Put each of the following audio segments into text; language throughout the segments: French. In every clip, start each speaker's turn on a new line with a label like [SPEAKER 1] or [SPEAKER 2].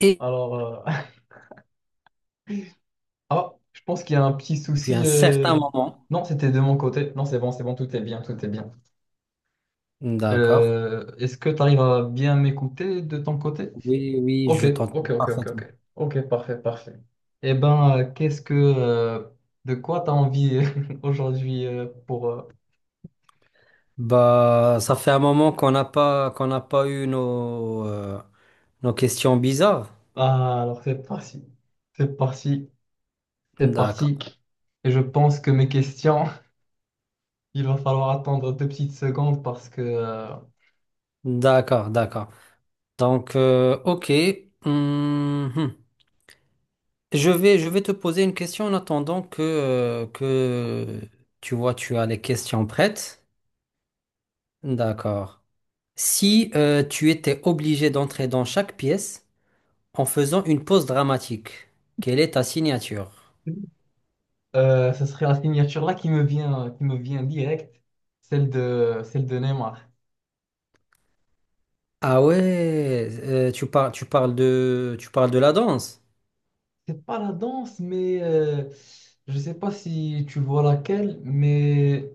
[SPEAKER 1] Et
[SPEAKER 2] Alors, euh, ah, je pense qu'il y a un petit
[SPEAKER 1] depuis
[SPEAKER 2] souci.
[SPEAKER 1] un certain moment,
[SPEAKER 2] Non, c'était de mon côté. Non, c'est bon, tout est bien, tout est bien.
[SPEAKER 1] d'accord,
[SPEAKER 2] Est-ce que tu arrives à bien m'écouter de ton côté?
[SPEAKER 1] oui, oui,
[SPEAKER 2] Ok,
[SPEAKER 1] je t'entends
[SPEAKER 2] ok, ok, ok,
[SPEAKER 1] parfaitement.
[SPEAKER 2] ok. Ok, parfait, parfait. Eh ben, de quoi tu as envie aujourd'hui.
[SPEAKER 1] Bah, ça fait un moment qu'on n'a pas eu nos nos questions bizarres.
[SPEAKER 2] Ah, alors c'est parti, c'est parti, c'est parti.
[SPEAKER 1] D'accord,
[SPEAKER 2] Et je pense que mes questions, il va falloir attendre deux petites secondes
[SPEAKER 1] d'accord, d'accord. Donc, ok. Hum, hum. Je vais te poser une question en attendant que tu vois tu as les questions prêtes. D'accord. Si tu étais obligé d'entrer dans chaque pièce en faisant une pause dramatique, quelle est ta signature?
[SPEAKER 2] Ce serait la signature là qui me vient direct, celle de Neymar.
[SPEAKER 1] Ah ouais, tu parles de la danse.
[SPEAKER 2] C'est pas la danse, mais je sais pas si tu vois laquelle, mais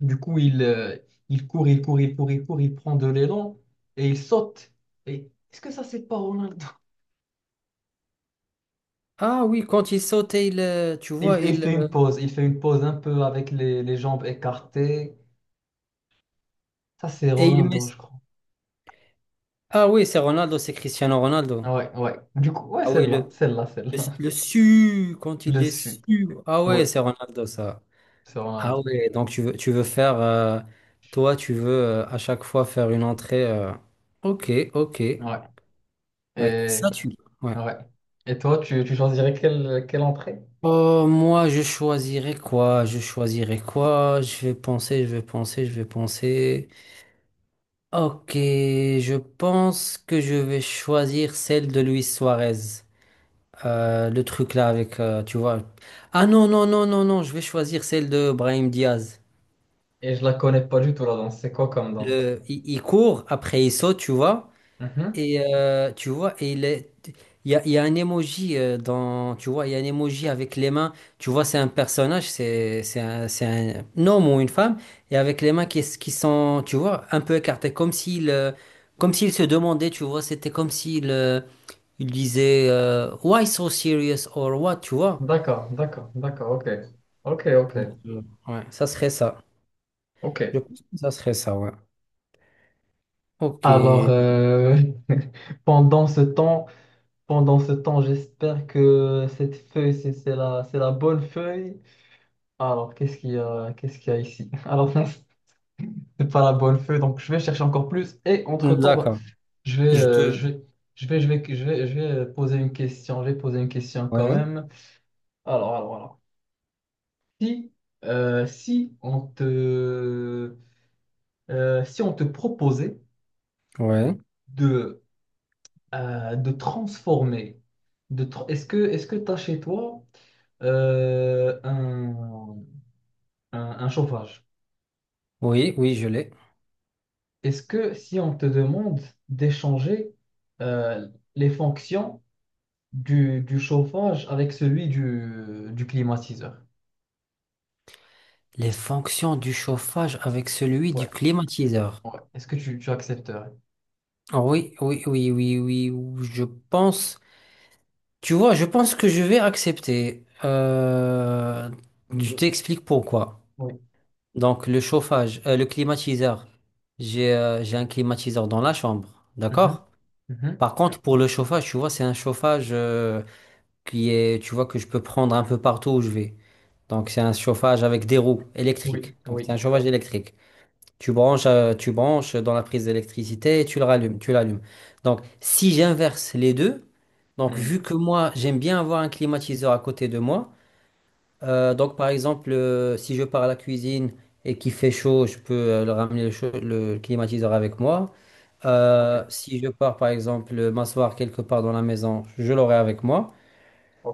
[SPEAKER 2] du coup il court, il court, il court, il court, il prend de l'élan et il saute. Et est-ce que ça c'est pas Ronaldo?
[SPEAKER 1] Ah oui, quand il saute et il, tu
[SPEAKER 2] Et Il,
[SPEAKER 1] vois,
[SPEAKER 2] il
[SPEAKER 1] il
[SPEAKER 2] fait une pause, il fait une pause un peu avec les jambes écartées. Ça c'est
[SPEAKER 1] et il met.
[SPEAKER 2] Ronaldo, je crois.
[SPEAKER 1] Ah oui, c'est Ronaldo, c'est Cristiano Ronaldo.
[SPEAKER 2] Ouais, ouais. Du coup, ouais,
[SPEAKER 1] Ah oui,
[SPEAKER 2] celle-là, celle-là, celle-là.
[SPEAKER 1] le su quand il
[SPEAKER 2] Le
[SPEAKER 1] est
[SPEAKER 2] sud.
[SPEAKER 1] su. Ah ouais,
[SPEAKER 2] Ouais,
[SPEAKER 1] c'est Ronaldo ça.
[SPEAKER 2] c'est
[SPEAKER 1] Ah
[SPEAKER 2] Ronaldo.
[SPEAKER 1] ouais, donc tu veux faire, toi, tu veux à chaque fois faire une entrée. Ok, ok.
[SPEAKER 2] Ouais.
[SPEAKER 1] Ouais, ça tu. Ouais.
[SPEAKER 2] Ouais. Et toi, tu choisirais quelle entrée?
[SPEAKER 1] Oh moi, je choisirais quoi? Je choisirais quoi? Je vais penser, je vais penser, je vais penser. Ok, je pense que je vais choisir celle de Luis Suarez. Le truc là avec, tu vois. Ah non, non, non, non, non, je vais choisir celle de Brahim Diaz.
[SPEAKER 2] Et je la connais pas du tout la danse. C'est quoi comme danse?
[SPEAKER 1] Le, il court, après il saute, tu vois.
[SPEAKER 2] Mhm.
[SPEAKER 1] Et tu vois, et il est, il y a un emoji dans, tu vois, il y a un emoji avec les mains. Tu vois, c'est un personnage, c'est un homme ou une femme, et avec les mains qui, qui sont, tu vois, un peu écartées, comme s'il se demandait, tu vois, c'était comme s'il, il disait, Why so serious or what, tu vois.
[SPEAKER 2] D'accord, d'accord, d'accord, ok. Ok, ok,
[SPEAKER 1] Donc, ouais, ça serait ça.
[SPEAKER 2] ok.
[SPEAKER 1] Je pense que ça serait ça, ouais. Ok,
[SPEAKER 2] Alors, euh, pendant ce temps, pendant ce temps, j'espère que cette feuille, c'est la bonne feuille. Alors, qu'est-ce qu'il y a, qu'est-ce qu'il y a ici? Alors, non, c'est pas la bonne feuille, donc je vais chercher encore plus. Et entre-temps, bah,
[SPEAKER 1] d'accord. Je te,
[SPEAKER 2] je vais, je vais, je vais, je vais, je vais poser une question. Je vais poser une question quand
[SPEAKER 1] ouais,
[SPEAKER 2] même. Alors, alors. Si, euh, si on te, si on te proposait
[SPEAKER 1] ouais,
[SPEAKER 2] de, de transformer, est-ce que tu as chez toi euh, un, un chauffage?
[SPEAKER 1] oui, oui, je l'ai.
[SPEAKER 2] Est-ce que si on te demande d'échanger euh, les fonctions du chauffage avec celui du climatiseur?
[SPEAKER 1] Les fonctions du chauffage avec celui
[SPEAKER 2] Ouais,
[SPEAKER 1] du climatiseur.
[SPEAKER 2] ouais. Est-ce que tu accepterais?
[SPEAKER 1] Ah oui, oui, oui, oui, oui, ou- je pense. Tu vois, je pense que je vais accepter. Je t'explique pourquoi.
[SPEAKER 2] Oui.
[SPEAKER 1] Donc, le chauffage, le climatiseur. J'ai un climatiseur dans la chambre,
[SPEAKER 2] Mhm,
[SPEAKER 1] d'accord?
[SPEAKER 2] mhm.
[SPEAKER 1] Par contre, pour le chauffage, tu vois, c'est un chauffage qui est, tu vois, que je peux prendre un peu partout où je vais. Donc, c'est un chauffage avec des roues
[SPEAKER 2] Oui,
[SPEAKER 1] électriques. Donc,
[SPEAKER 2] oui.
[SPEAKER 1] c'est un chauffage électrique. Tu branches dans la prise d'électricité et tu le rallumes, tu l'allumes. Donc, si j'inverse les deux, donc vu
[SPEAKER 2] Hmm.
[SPEAKER 1] que moi, j'aime bien avoir un climatiseur à côté de moi, donc par exemple, si je pars à la cuisine et qu'il fait chaud, je peux le ramener le, chaud- le climatiseur avec moi.
[SPEAKER 2] Ok,
[SPEAKER 1] Si je pars par exemple m'asseoir quelque part dans la maison, je l'aurai avec moi.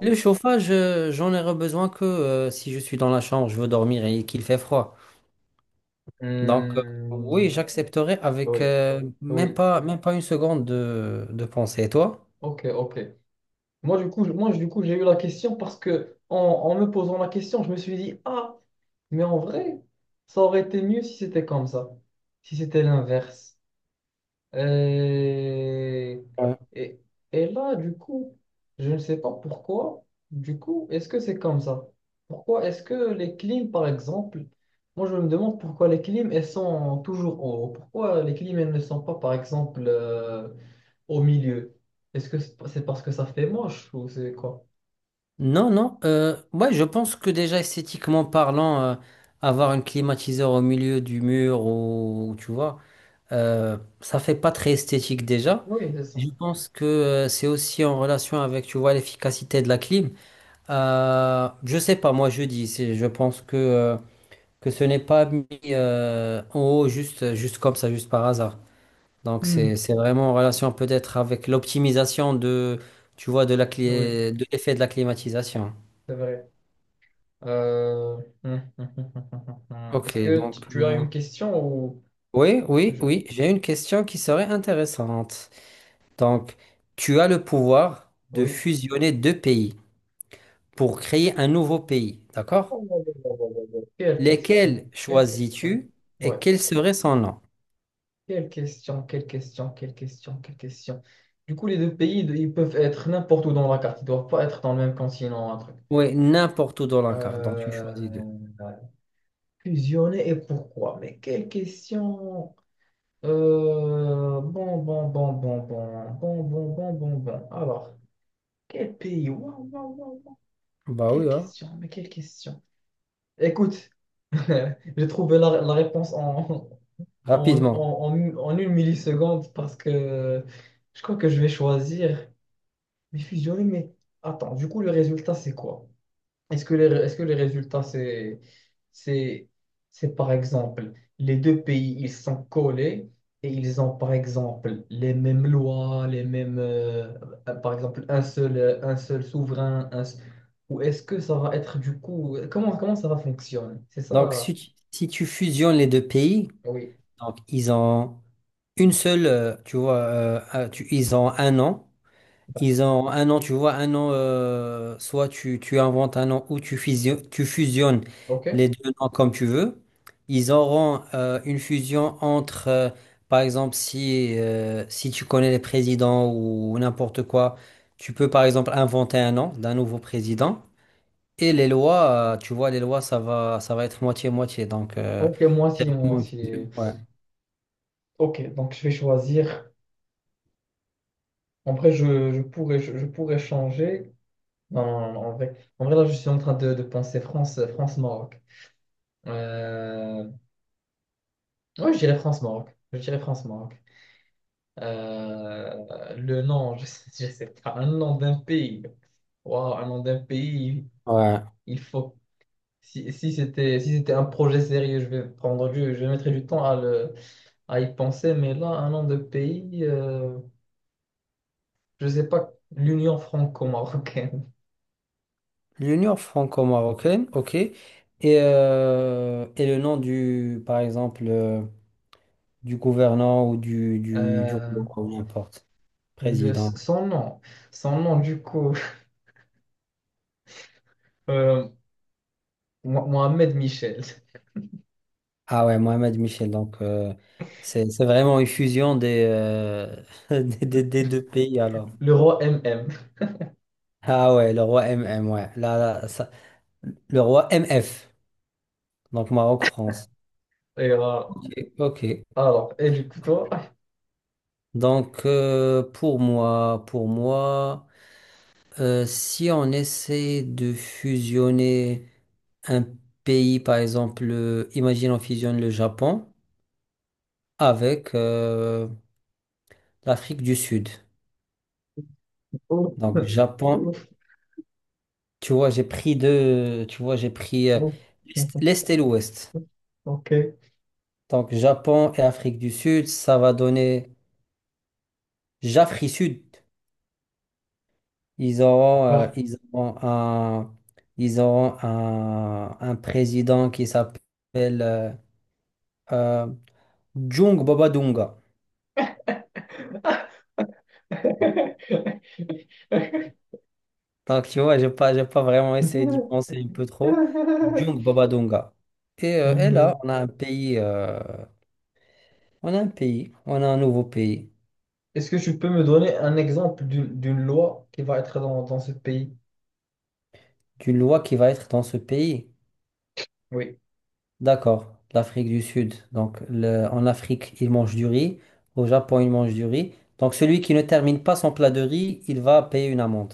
[SPEAKER 1] Le chauffage, j'en aurai besoin que si je suis dans la chambre, je veux dormir et qu'il fait froid. Donc, oui,
[SPEAKER 2] Hmm,
[SPEAKER 1] j'accepterai avec
[SPEAKER 2] oui, oui.
[SPEAKER 1] même pas une seconde de pensée. Et toi?
[SPEAKER 2] Ok, ok. Moi, du coup, moi, du coup, j'ai eu la question parce que en me posant la question, je me suis dit, ah, mais en vrai, ça aurait été mieux si c'était comme ça, si c'était l'inverse. Et,
[SPEAKER 1] Ouais.
[SPEAKER 2] et, et là, du coup, je ne sais pas pourquoi. Du coup, est-ce que c'est comme ça? Pourquoi est-ce que les clims, par exemple, moi je me demande pourquoi les clims, elles sont toujours en haut. Pourquoi les clims, elles ne sont pas, par exemple, au milieu? Est-ce que c'est parce que ça fait moche ou c'est quoi?
[SPEAKER 1] Non, non. Ouais, je pense que déjà esthétiquement parlant, avoir un climatiseur au milieu du mur ou tu vois, ça fait pas très esthétique déjà.
[SPEAKER 2] Oui, c'est ça.
[SPEAKER 1] Je pense que c'est aussi en relation avec, tu vois, l'efficacité de la clim. Je sais pas, moi je dis, c'est- je pense que ce n'est pas mis en haut juste, juste comme ça, juste par hasard. Donc c'est
[SPEAKER 2] Hmm.
[SPEAKER 1] c'est vraiment en relation peut-être avec l'optimisation de tu vois de la
[SPEAKER 2] Oui,
[SPEAKER 1] clé de l'effet de la climatisation.
[SPEAKER 2] c'est vrai. Euh, Est-ce
[SPEAKER 1] Ok,
[SPEAKER 2] que tu
[SPEAKER 1] donc
[SPEAKER 2] tu as
[SPEAKER 1] moi-
[SPEAKER 2] une question
[SPEAKER 1] oui, oui,
[SPEAKER 2] je...
[SPEAKER 1] oui, j'ai une question qui serait intéressante. Donc tu as le pouvoir de
[SPEAKER 2] Oui.
[SPEAKER 1] fusionner deux pays pour créer un nouveau pays, d'accord?
[SPEAKER 2] Oh, oh, oh, oh, oh, oh. Oh. Quelle question,
[SPEAKER 1] Lesquels
[SPEAKER 2] quelle question.
[SPEAKER 1] choisis-tu et
[SPEAKER 2] Ouais,
[SPEAKER 1] quel serait son nom?
[SPEAKER 2] quelle question, quelle question, quelle question, quelle question. Du coup, les deux pays, ils peuvent être n'importe où dans la carte. Ils doivent pas être dans le même continent, un truc.
[SPEAKER 1] Oui, n'importe où dans la carte, donc tu choisis deux.
[SPEAKER 2] Euh, Fusionner et pourquoi? Mais quelle question. Bon, bon, bon, bon, bon, bon, bon, bon, bon, bon. Alors, quel pays? Waouh, waouh, waouh.
[SPEAKER 1] Bah oui,
[SPEAKER 2] Quelle
[SPEAKER 1] hein.
[SPEAKER 2] question, mais quelle question. Écoute, j'ai trouvé la réponse
[SPEAKER 1] Rapidement.
[SPEAKER 2] en une milliseconde parce que je crois que je vais choisir mais fusionner. Mais attends, du coup, le résultat, c'est quoi? Est-ce que les résultats, c'est, c'est par exemple, les deux pays, ils sont collés et ils ont par exemple les mêmes lois, par exemple, un seul souverain, ou est-ce que ça va être du coup, comment ça va fonctionner? C'est
[SPEAKER 1] Donc
[SPEAKER 2] ça,
[SPEAKER 1] si tu, si tu fusionnes les deux pays,
[SPEAKER 2] oui,
[SPEAKER 1] donc ils ont une seule, tu vois, tu- ils ont un an. Ils ont un an, tu vois, un an, soit tu, tu inventes un an ou tu fusion- tu fusionnes
[SPEAKER 2] ok.
[SPEAKER 1] les deux noms comme tu veux. Ils auront une fusion entre, par exemple, si, si tu connais les présidents ou n'importe quoi, tu peux par exemple inventer un nom d'un nouveau président. Et les lois, tu vois, les lois, ça va être moitié-moitié. Donc,
[SPEAKER 2] Ok, moi
[SPEAKER 1] c'est
[SPEAKER 2] aussi, moi
[SPEAKER 1] vraiment...
[SPEAKER 2] aussi.
[SPEAKER 1] Ouais,
[SPEAKER 2] Ok, donc je vais choisir. En vrai, je pourrais, je pourrais changer. Non, non, non, en vrai, là, je suis en train de penser France-Maroc. Euh... Ouais, je dirais France-Maroc. Je dirais France-Maroc. Le nom, je sais pas, un nom d'un pays. Waouh, un nom d'un pays,
[SPEAKER 1] ouais.
[SPEAKER 2] il faut. Si c'était un projet sérieux, je mettrais du temps à y penser, mais là, un nom de pays, je sais pas, l'Union franco-marocaine.
[SPEAKER 1] L'Union franco-marocaine, ok. Et le nom du, par exemple, du gouvernant ou du roi,
[SPEAKER 2] Euh,
[SPEAKER 1] ou n'importe, président.
[SPEAKER 2] son nom, du coup, euh, Mohamed Michel,
[SPEAKER 1] Ah ouais, Mohamed Michel. Donc, c'est vraiment une fusion des, des deux pays alors.
[SPEAKER 2] le roi MM.
[SPEAKER 1] Ah ouais, le roi MM, ouais. Là, là, ça- le roi MF, donc Maroc-France.
[SPEAKER 2] Et, euh,
[SPEAKER 1] Ok. Ok.
[SPEAKER 2] alors, et du coup, toi,
[SPEAKER 1] Donc, pour moi, pour moi. Si on essaie de fusionner un pays, par exemple, imagine on fusionne le Japon avec l'Afrique du Sud.
[SPEAKER 2] ouf,
[SPEAKER 1] Donc Japon,
[SPEAKER 2] ouf,
[SPEAKER 1] tu vois, j'ai pris deux, tu vois, j'ai pris
[SPEAKER 2] ouf.
[SPEAKER 1] l'Est l'Est et l'Ouest.
[SPEAKER 2] Ok.
[SPEAKER 1] Donc Japon et Afrique du Sud, ça va donner Jafri Sud. Ils auront, euh,
[SPEAKER 2] Alors.
[SPEAKER 1] ils auront un, ils auront un président qui s'appelle euh, Jung Babadunga. Donc, tu vois, j'ai pas vraiment essayé d'y penser un peu trop. Djung babadonga. Et là,
[SPEAKER 2] Mhm.
[SPEAKER 1] on a un pays, on a un pays, on a un nouveau pays,
[SPEAKER 2] Est-ce que tu peux me donner un exemple d'une loi qui va être dans ce pays?
[SPEAKER 1] d'une loi qui va être dans ce pays.
[SPEAKER 2] Oui,
[SPEAKER 1] D'accord, l'Afrique du Sud. Donc, le- en Afrique, ils mangent du riz. Au Japon, ils mangent du riz. Donc, celui qui ne termine pas son plat de riz, il va payer une amende.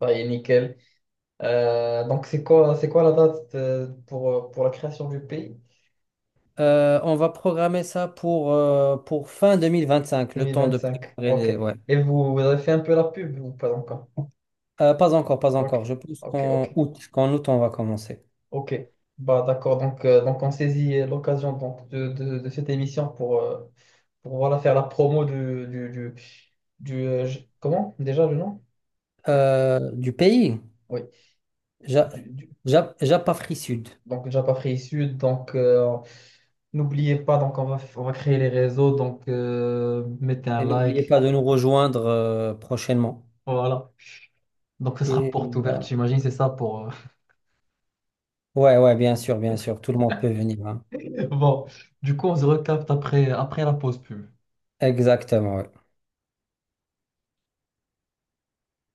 [SPEAKER 2] ça y est, nickel. Donc, c'est quoi la date pour la création du pays?
[SPEAKER 1] On va programmer ça pour fin 2025, le temps de
[SPEAKER 2] 2025.
[SPEAKER 1] préparer
[SPEAKER 2] Ok.
[SPEAKER 1] les... Ouais.
[SPEAKER 2] Et vous avez fait un peu la pub ou pas encore?
[SPEAKER 1] Pas encore, pas
[SPEAKER 2] Ok.
[SPEAKER 1] encore. Je pense
[SPEAKER 2] Ok, ok,
[SPEAKER 1] qu'en août, on va commencer.
[SPEAKER 2] ok. Bah d'accord, donc on saisit l'occasion donc, de cette émission pour voilà, faire la promo du comment? Déjà le nom?
[SPEAKER 1] Du pays,
[SPEAKER 2] Oui,
[SPEAKER 1] Ja-
[SPEAKER 2] du, du-
[SPEAKER 1] Japafri Sud.
[SPEAKER 2] donc Japa Free Sud. Donc n'oubliez pas, donc on va créer les réseaux. Donc mettez un
[SPEAKER 1] Et n'oubliez
[SPEAKER 2] like.
[SPEAKER 1] pas de nous rejoindre prochainement.
[SPEAKER 2] Voilà. Donc ce sera
[SPEAKER 1] Et,
[SPEAKER 2] porte
[SPEAKER 1] euh,
[SPEAKER 2] ouverte, j'imagine, c'est ça.
[SPEAKER 1] ouais, ouais, bien sûr, tout le monde peut venir. Hein.
[SPEAKER 2] Bon, du coup, on se recapte après la pause pub.
[SPEAKER 1] Exactement, ouais.